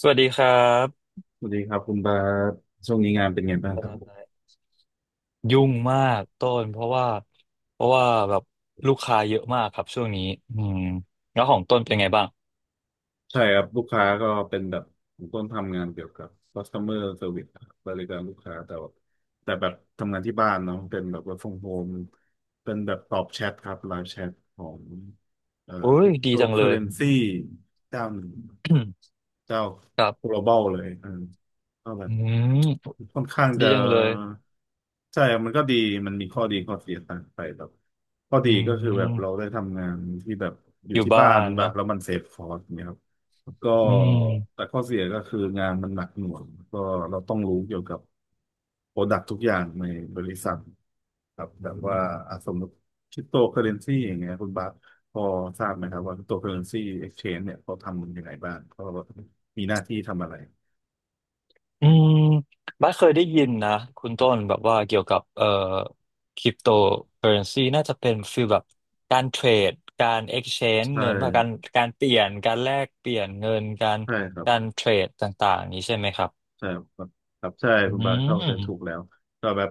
สวัสดีครับสวัสดีครับคุณบาสช่วงนี้งานเป็นไงบ้างเอ่ครับ อยุ่งมากต้นเพราะว่าเพราะว่าแบบลูกค้าเยอะมากครับช่วงนี้อืมแล้วของต้นเป็นไงบ้างใช่ครับลูกค้าก็เป็นแบบผมต้นทำงานเกี่ยวกับ customer service ครับบริการลูกค้าแต่ว่าแบบทำงานที่บ้านเนาะเป็นแบบ work from home เป็นแบบตอบแชทครับไลฟ์แชทของเอ่อ โอ้ยดีจังเลย cryptocurrency เจ้าหนึ่ง เจ้า ครับ global เลยอืมก็แบอืบมค่อนข้างจะดีจังเลยใช่ครับมันก็ดีมันมีข้อดีข้อเสียต่างไปแบบข้ออืดีก็คือแบบเรามได้ทำงานที่แบบอยู่อยู่ที่บ้าบ้านนแบบเนาะแล้วมันเซฟคอสเนี่ยครับ ก็อืแต่ม ข้อเสียก็คืองานมันหนักหน่วงก็เราต้องรู้เกี่ยวกับโปรดักทุกอย่างในบริษัทครับแบบว่าอ่ะสมมติคริปโตเคอเรนซีอย่างเงี้ยคุณบาสพอทราบไหมครับว่าคริปโตเคอเรนซีเอ็กชแนนเนี่ยเขาทำมันยังไงบ้างเขามีหน้าที่ทำอะไรอืมบัสเคยได้ยินนะคุณครัต้นบแบบว่าเกี่ยวกับคริปโตเคอเรนซีน่าจะเป็นฟีลแบบการเทรดการเอ็กเอ็กซ์เช g e ใช่เงินว่าการการเปลี่ยนการแลกเปลี่ยนเงินการใช่ครับ การเทรดต่างๆนี้ใช่ไหมครับใช่ครับครับใช่อืคุณบาเข้าใจถูมกแล้วก็แบบ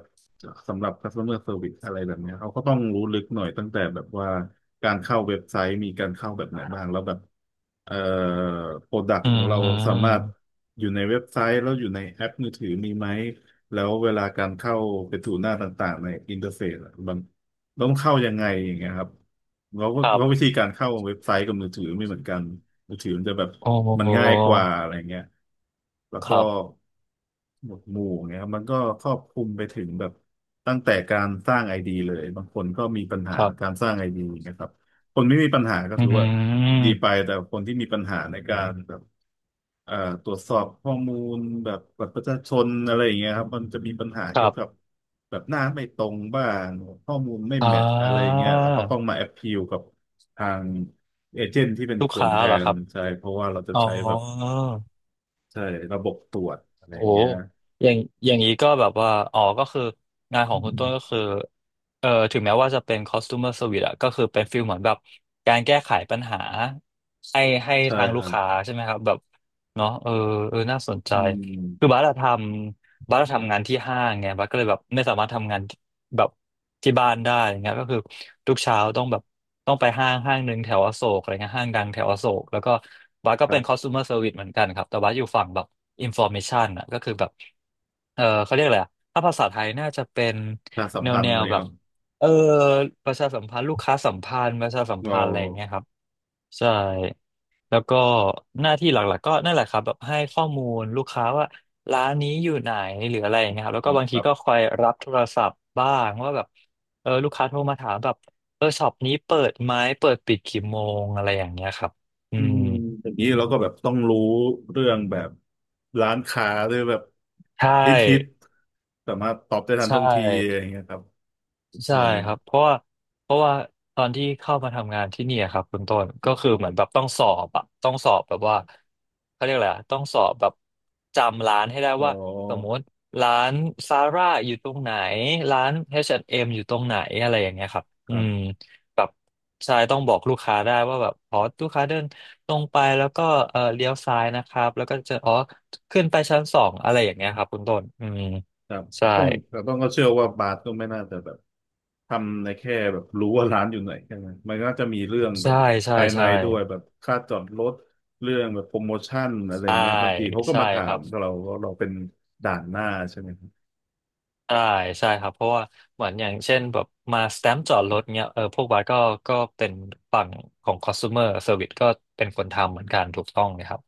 สำหรับ customer service อะไรแบบเนี้ยเขาก็ต้องรู้ลึกหน่อยตั้งแต่แบบว่าการเข้าเว็บไซต์มีการเข้าแบบไหนบ้างแล้วแบบเอ่อ product อืของเราสามารถมอยู่ในเว็บไซต์แล้วอยู่ในแอปมือถือมีไหมแล้วเวลาการเข้าไปถูหน้าต่างๆในอินเทอร์เฟซอะมันต้องเข้ายังไงอย่างเงี้ยครับเล้วก็ครัววิบธีการเข้าเว็บไซต์กับมือถือไม่เหมือนกันมือถือมันจะแบบโอ้มันง่ายกว่าอะไรเงี้ย แล้วคก็รับหมวดหมู่เงี้ยครับมันก็ครอบคลุมไปถึงแบบตั้งแต่การสร้างไอดีเลยบางคนก็มีปัญหาครัการบสร้างไอดีนะครับคนไม่มีปัญหาก็อืถือว่าดีมไปแต่คนที่มีปัญหาในการแบบเอ่อตรวจสอบข้อมูลแบบบัตรประชาชนอะไรอย่างเงี้ยครับมันจะมีปัญหาคเกี่ยรัวกับบแบบหน้าไม่ตรงบ้างข้อมูลไม่อ่แมทช์อะไรอย่างาเงี้ยแล้วก็ต้องมาแอพพิลกับทางเอเจนต์ที่เป็นลูกคนค้าแทเหรอคนรับใช่เพราะว่าเราจะอ๋อ ใช้แบบ ใช่ระบบตรวจอะไรโอ้อย่าโหงเงี้ยอย่างอย่างนี้ก็แบบว่าอ๋อก็คืองานขออืงคุณมต้นก็คือถึงแม้ว่าจะเป็น customer service อะก็คือเป็นฟิลเหมือนแบบการแก้ไขปัญหาให้ให้ใช่ทางคลูรักบค้าใช่ไหมครับแบบเนาะเออเออน่าสนใจอืคือมบาร์ทำบาร์ทำงานที่ห้างไงบาร์ก็เลยแบบไม่สามารถทำงาน แบบที่บ้านได้อย่างเงี้ยก็คือทุกเช้าต้องแบบต้องไปห้างห้างหนึ่งแถวอโศกอะไรเงี้ยห้างดังแถวอโศกแล้วก็บัสก็ครัเป็น บ customer service เหมือนกันครับแต่บัสอยู่ฝั่งแบบ information อ่ะก็คือแบบเออเขาเรียกอะไรอะถ้าภาษาไทยน่าจะเป็นประชาสัมแนวพันแนธ์อะไรวแบครับบเออประชาสัมพันธ์ลูกค้าสัมพันธ์ประชาสัมเราพันธ์อะไรอย่างเงี้ยครับ ใช่แล้วก็หน้าที่หลักๆก็นั่นแหละครับแบบให้ข้อมูลลูกค้าว่าร้านนี้อยู่ไหนหรืออะไรอย่างเงี้ยครับแล้วก็บางแบทีบก็คอยรับโทรศัพท์บ้างว่าแบบเออลูกค้าโทรมาถามแบบเออช็อปนี้เปิดไหมเปิดปิดกี่โมงอะไรอย่างเงี้ยครับอือืมมอย่างนี้เราก็แบบต้องรู้เรื่องแบบร้านค้าหรือแบบใชฮิต่สามารถตอบได้ทันใช่ ท่วงทีอะไรอย่างเงี้ยครับเอใช่อครับเพราะว่าเพราะว่าตอนที่เข้ามาทำงานที่เนี่ยครับคุณต้นก็คือเหมือนแบบต้องสอบอะต้องสอบแบบว่าเขาเรียกอะไรอะต้องสอบแบบจำร้านให้ได้อ๋อว่าสมมติร้านซาร่าอยู่ตรงไหนร้าน H&M อชแอนด์เอ็มอยู่ตรงไหนอะไรอย่างเงี้ยครับคอืรับ มแบบใช่ต้องบอกลูกค้าได้ว่าแบบอ๋อลูกค้าเดินตรงไปแล้วก็เออเลี้ยวซ้ายนะครับแล้วก็จะอ๋อขึ้นไปชั้นสองอะไรอย่างเงี้ยครับคุณต้นอืมครับใช่ต้องแต่ต้องก็เชื่อว่าบาสก็ไม่น่าจะแบบทำในแค่แบบรู้ว่าร้านอยู่ไหนแค่นั้นมันน่าจะมีเรื่องแบใช่บใช่ภายในใช่ ด้วยแบบค่าจอดรถเรื่องแบบโปรโมชั่นอะไรใช่เงี้ยบางทีเขาก็ใช่มาถาครัมบเราเป็นด่านหน้าใช่ไหมครับใช่ใช่ครับเพราะว่าเหมือนอย่างเช่นแบบมาสแตมป์จอดรถเนี้ยเออพวกบาสก็ก็เป็นฝั่งของ consumer service ก็เป็นคนทำเหมือนกันถูกต้องเลยครับ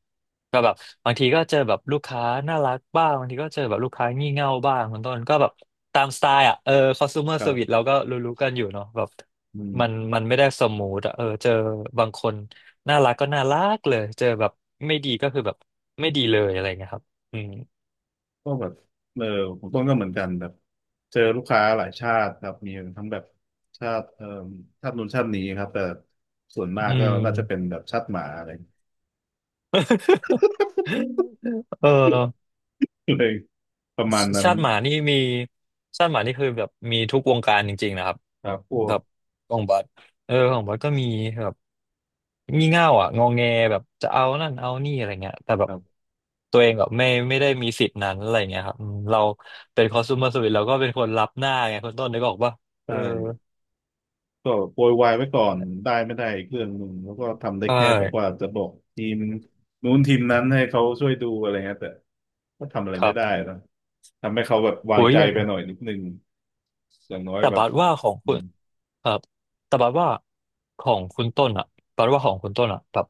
ก็แบบบางทีก็เจอแบบลูกค้าน่ารักบ้างบางทีก็เจอแบบลูกค้างี่เง่าบ้างคุณต้นก็แบบตามสไตล์อ่ะเออ consumer ครั service บเราก็รู้ๆกันอยู่เนาะแบบอืมันมมันไม่ได้สมูทอะเออเจอบางคนน่ารักก็น่ารักเลยเจอแบบไม่ดีก็คือแบบไม่ดีเลยอะไรเงี้ยครับอืมก็แบบเออผมต้นก็เหมือนกันแบบเจอลูกค้าหลายชาติครับมีทั้งแบบชาติชาตินู้นชาตินี้ครับแต่ส่วนมากอืก็ม น่าจะเป็นแบบชาติหมาอะไร เออ เลยประชมาณนั้นชาติหมานี่มีชาติหมานี่คือแบบมีทุกวงการจริงๆนะครับครับพวแบกบของบัสเออของบัสก็มีแบบงี่เง่าอ่ะงอแงแบบจะเอานั่นเอานี่อะไรเงี้ยแต่แบคบรับ ตัวเองแบบไม่ไม่ได้มีสิทธิ์นั้นอะไรเงี้ยครับอืมเราเป็นคอเอส u m ม r service เซอรวิสเราก็เป็นคนรับหน้าไงคนต้นนึกออกปะใเออช่ก็โปรยไว้ก่อนั่นนแหละได้ไม่ได้อีกเรื่องหนึ่งแล้วก็ทำได้ใช่แค่แบบว่าจะบอกทีมนู้นทีมนั้นให้เขาช่วยดูอะไรเงี้ยแต่ก็ทำอะไรคไม่รับได้นะทำให้เขาแบบโหวางยใจอย่างไปหน่อยนิดนึงอย่างน้อยแต่แบบบัดว่าของอืคุณมครับแต่บัดว่าของคุณต้นอ่ะบัดว่าของคุณต้นอ่ะแบบ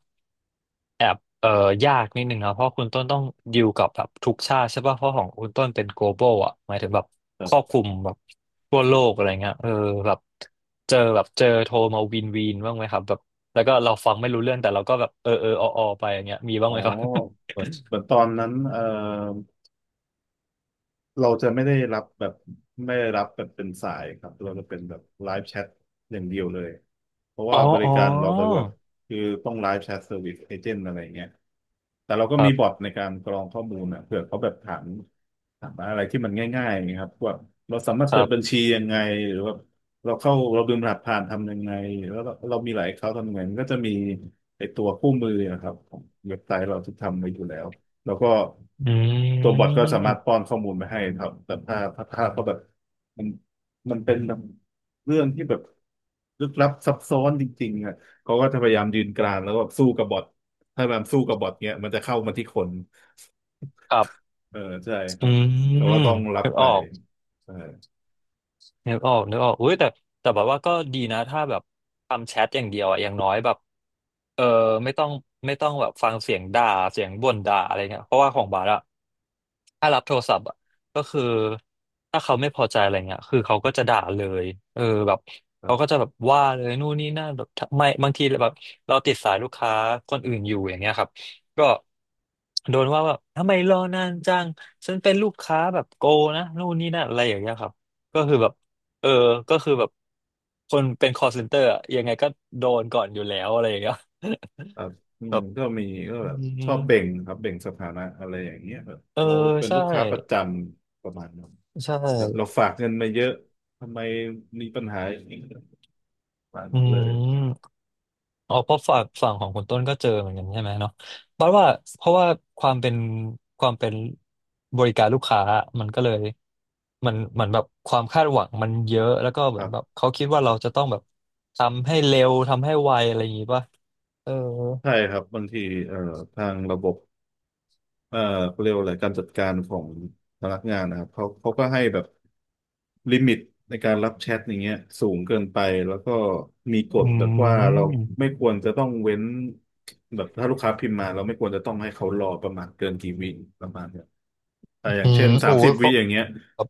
แอบยากนิดนึงนะเพราะคุณต้นต้องดิวกับแบบทุกชาติใช่ป่ะเพราะของคุณต้นเป็น global อ่ะหมายถึงแบบคแบรอบบคลุมแบบทั่วโลกอะไรเงี้ยเออแบบเจอแบบเจอโทรมาวินวินบ้างไหมครับแบบแล้วก็เราฟังไม่รู้เรื่องแต่เราก็แบบเออเออออออไปอย่างเงี้ยมีบ้าอ๋งอไหมครับ เหมือนตอนนั้นเราจะไม่ได้รับแบบไม่ได้รับแบบเป็นสายครับเราจะเป็นแบบไลฟ์แชทอย่างเดียวเลยเพราะ อ๋ว่าอบริอ๋อการเราไปแบบคือต้องไลฟ์แชทเซอร์วิสเอเจนต์อะไรเงี้ยแต่เราก็ครัมีบอบทในการกรองข้อมูลนะเผื่อเขาแบบถามอะไรที่มันง่ายๆนะครับว่าเราสามารถคเปิรัดบัญบชียังไงหรือว่าเราลืมรหัสผ่านทำยังไงแล้วเรามีหลายเขาทำยังไงมันก็จะมีไอตัวคู่มือนะครับของเว็บไซต์เราที่ทำไว้อยู่แล้ว แล้วก็อืตัวบอทก็สามารมถป้อนข้อมูลมาให้ครับแต่ถ้าเขาแบบมันมันเป็นแบบเรื่องที่แบบลึกลับซับซ้อนจริงๆอ่ะเขาก็จะพยายามยืนกรานแล้วก็แบบสู้กับบอทถ้ามันสู้กับบอทเนี้ยมันจะเข้ามาที่คนครับเออใช่คอืรับแต่มว่าต้องรับนึกไปออก เออนึกออกนึกออกอุ้ยแต่แต่แบบว่าก็ดีนะถ้าแบบทำแชทอย่างเดียวอะอย่างน้อยแบบเออไม่ต้องไม่ต้องแบบฟังเสียงด่าเสียงบ่นด่าอะไรเงี้ยเพราะว่าของบาร์อะถ้ารับโทรศัพท์อะก็คือถ้าเขาไม่พอใจอะไรเงี้ยคือเขาก็จะด่าเลยเออแบบครัเขาก็บ จะแบบว่าเลยนู่นนี่นั่นแบบทำไม่บางทีแบบเราติดสายลูกค้าคนอื่นอยู่อย่างเงี้ยครับก็โดนว่าแบบทำไมรอนานจังฉันเป็นลูกค้าแบบโกนะนู่นนี่นั่นอะไรอย่างเงี้ยครับก็คือแบบ เออ ก็คือแบบคนเป็น call center อะยังไงก็โดนก่อนอยู่แล้วอะไรอย่างเงี้ย ครับอื แบมบก็มีก็อืแบบมชอบเบ่งครับเบ่งสถานะอะไรอย่างเงี้ยแบบเออเราเป็นใช่ลูกค้าประจำประมาณนั้นใช่แบบเราฝากเงินมาเยอะทำไมมีปัญหาอย่างนี้ประมาณอืนั้นเลยมอ๋อเพราะฝั่งของคุณต้นก็เจอเหมือนกันใช่ไหมเนาะบัดว่าเพราะว่าความเป็นความเป็นบริการลูกค้ามันก็เลยมันเหมือนแบบความคาดหวังมันเยอะแล้วก็คเหมือรันแบบบเขาคิดว่าเราจะต้องแบบทำให้เร็วทำให้ไวอะไรอย่างงี้ป่ะเออใช่ครับบางทีเอ่อทางระบบ เอ่อเขาเรียกว่าอะไรการจัดการของพนักงานนะครับเขาก็ให้แบบลิมิตในการรับแชทอย่างเงี้ยสูงเกินไปแล้วก็มีกอืฎแบบว่าเราไม่มควรจะต้องเว้นแบบถ้าลูกค้าพิมพ์มาเราไม่ควรจะต้องให้เขารอประมาณเกินกี่วิประมาณเนี้ยแต่ออย่าอืงเช่มนสาโอ้มสิบยวิเขา อย่างเงี้ย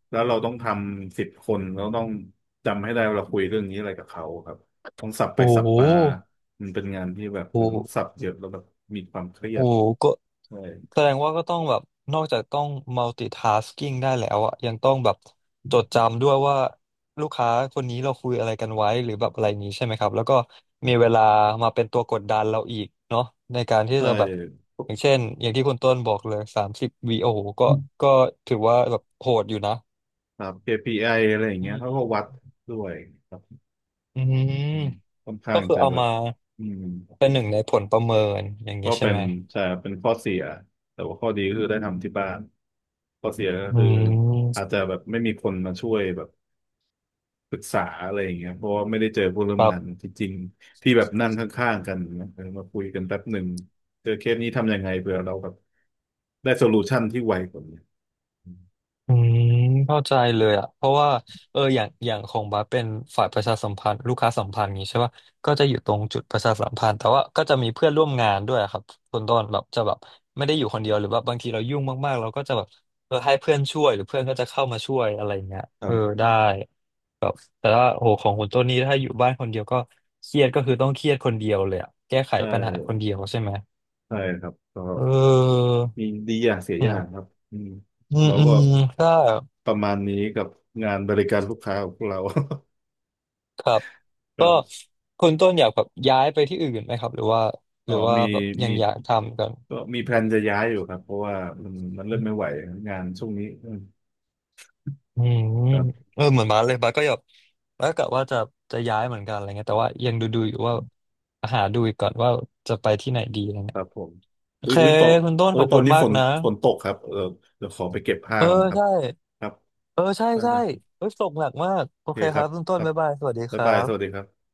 แล้วเราต้องทำ10 คนเราต้องจำให้ได้ว่าเราคุยเรื่องนี้อะไรกับเขาครับต้องสับไปโอ้สับโหมามันเป็นงานที่แบบเอโอ้อโหต้องสับเยอะแล้วแบบมีความเครียโอ้ดโหก็ใช่แสดงว่าก็ต้องแบบนอกจากต้อง multitasking ได้แล้วอะยังต้องแบบจดจำด้วยว่าลูกค้าคนนี้เราคุยอะไรกันไว้หรือแบบอะไรอย่างนี้ใช่ไหมครับแล้วก็มีเวลามาเป็นตัวกดดันเราอีกเนาะในการที่ใช่ จะแบบอย่างเช่นอย่างที่คุณต้นบอกเลย30วีโอโหก็ถือว่าแบบโหดอยู่นะครับ KPI ออะไรอย่างอืเงี้ยเขาก็วัดมด้วยครับอืมอืมค่อนข้าก็งคือจะเอาแบบมาอืมเป็นหนึ่งในผลประเมินอย่างก็นี้ใช่เป็ไหนมใช่เป็นข้อเสียแต่ว่าข้อดีก็คือได้ทำที่บ้านข้อเสียก็อืคืออาจมจะแบบไม่มีคนมาช่วยแบบปรึกษาอะไรอย่างเงี้ยเพราะว่าไม่ได้เจอผู้ร่วคมรังานบ ที่จริงที่แบบนั่งข้างๆกันนะเออมาคุยกันแป๊บหนึ่งเจอเคสนี้ทำยังไงเผื่อเราแบบได้โซลูชันที่ไวกว่านี้อืมเข้าใจเลยอ่ะเพราะว่าเอออย่างของบัสเป็นฝ่ายประชาสัมพันธ์ลูกค้าสัมพันธ์อย่างงี้ใช่ป่ะก็จะอยู่ตรงจุดประชาสัมพันธ์แต่ว่าก็จะมีเพื่อนร่วมงานด้วยอะครับคนต้นแบบจะแบบไม่ได้อยู่คนเดียวหรือว่าบางทีเรายุ่งมากๆเราก็จะแบบเออให้เพื่อนช่วยหรือเพื่อนก็จะเข้ามาช่วยอะไรเงี้ยครัเออบได้แต่ว่าโหของคนต้นนี้ถ้าอยู่บ้านคนเดียวก็เครียดก็คือต้องเครียดคนเดียวเลยอ่ะแก้ไขใชปัญหาคน่เดียวใช่ไหมใช่ครับก็ เออมีดีอย่างเสียอือย่างคมรับอืมอืมเราอืก็มใช่ ประมาณนี้กับงานบริการลูกค้าของพวกเรา ครับ คก็รับคุณต้นอยากแบบย้ายไปที่อื่นไหมครับหรือว่าหอ๋อรือว่ามีแบบยัมีงอยากทำกันก็มีแพลนจะย้ายอยู่ครับเพราะว่ามันเริ่มไม่ไหวงานช่วงนี้อืมอืมครับเออเหมือนบาสเลยบาสก็แบบบาสกะว่าจะย้ายเหมือนกันอะไรเงี้ยแต่ว่ายังดูอยู่ว่าหาดูอีกก่อนว่าจะไปที่ไหนดีอะไรคเงี้ยรับผมโออุ๊ยเคอุ๊ยตอนคุณต้นเอ้ขยอบตอคุนณนี้มาฝกนนะฝนตกครับเออเดี๋ยวขอไปเก็บผ้าเออก่อนนะครับใช่ครับเออใช่ได้ใช่นะเออตกหนักมากโอโอเคเคคครัรับบคุณต้คนรับบ๊ายบายสวัสดีคบ๊ายรับายสวัสดีบครับ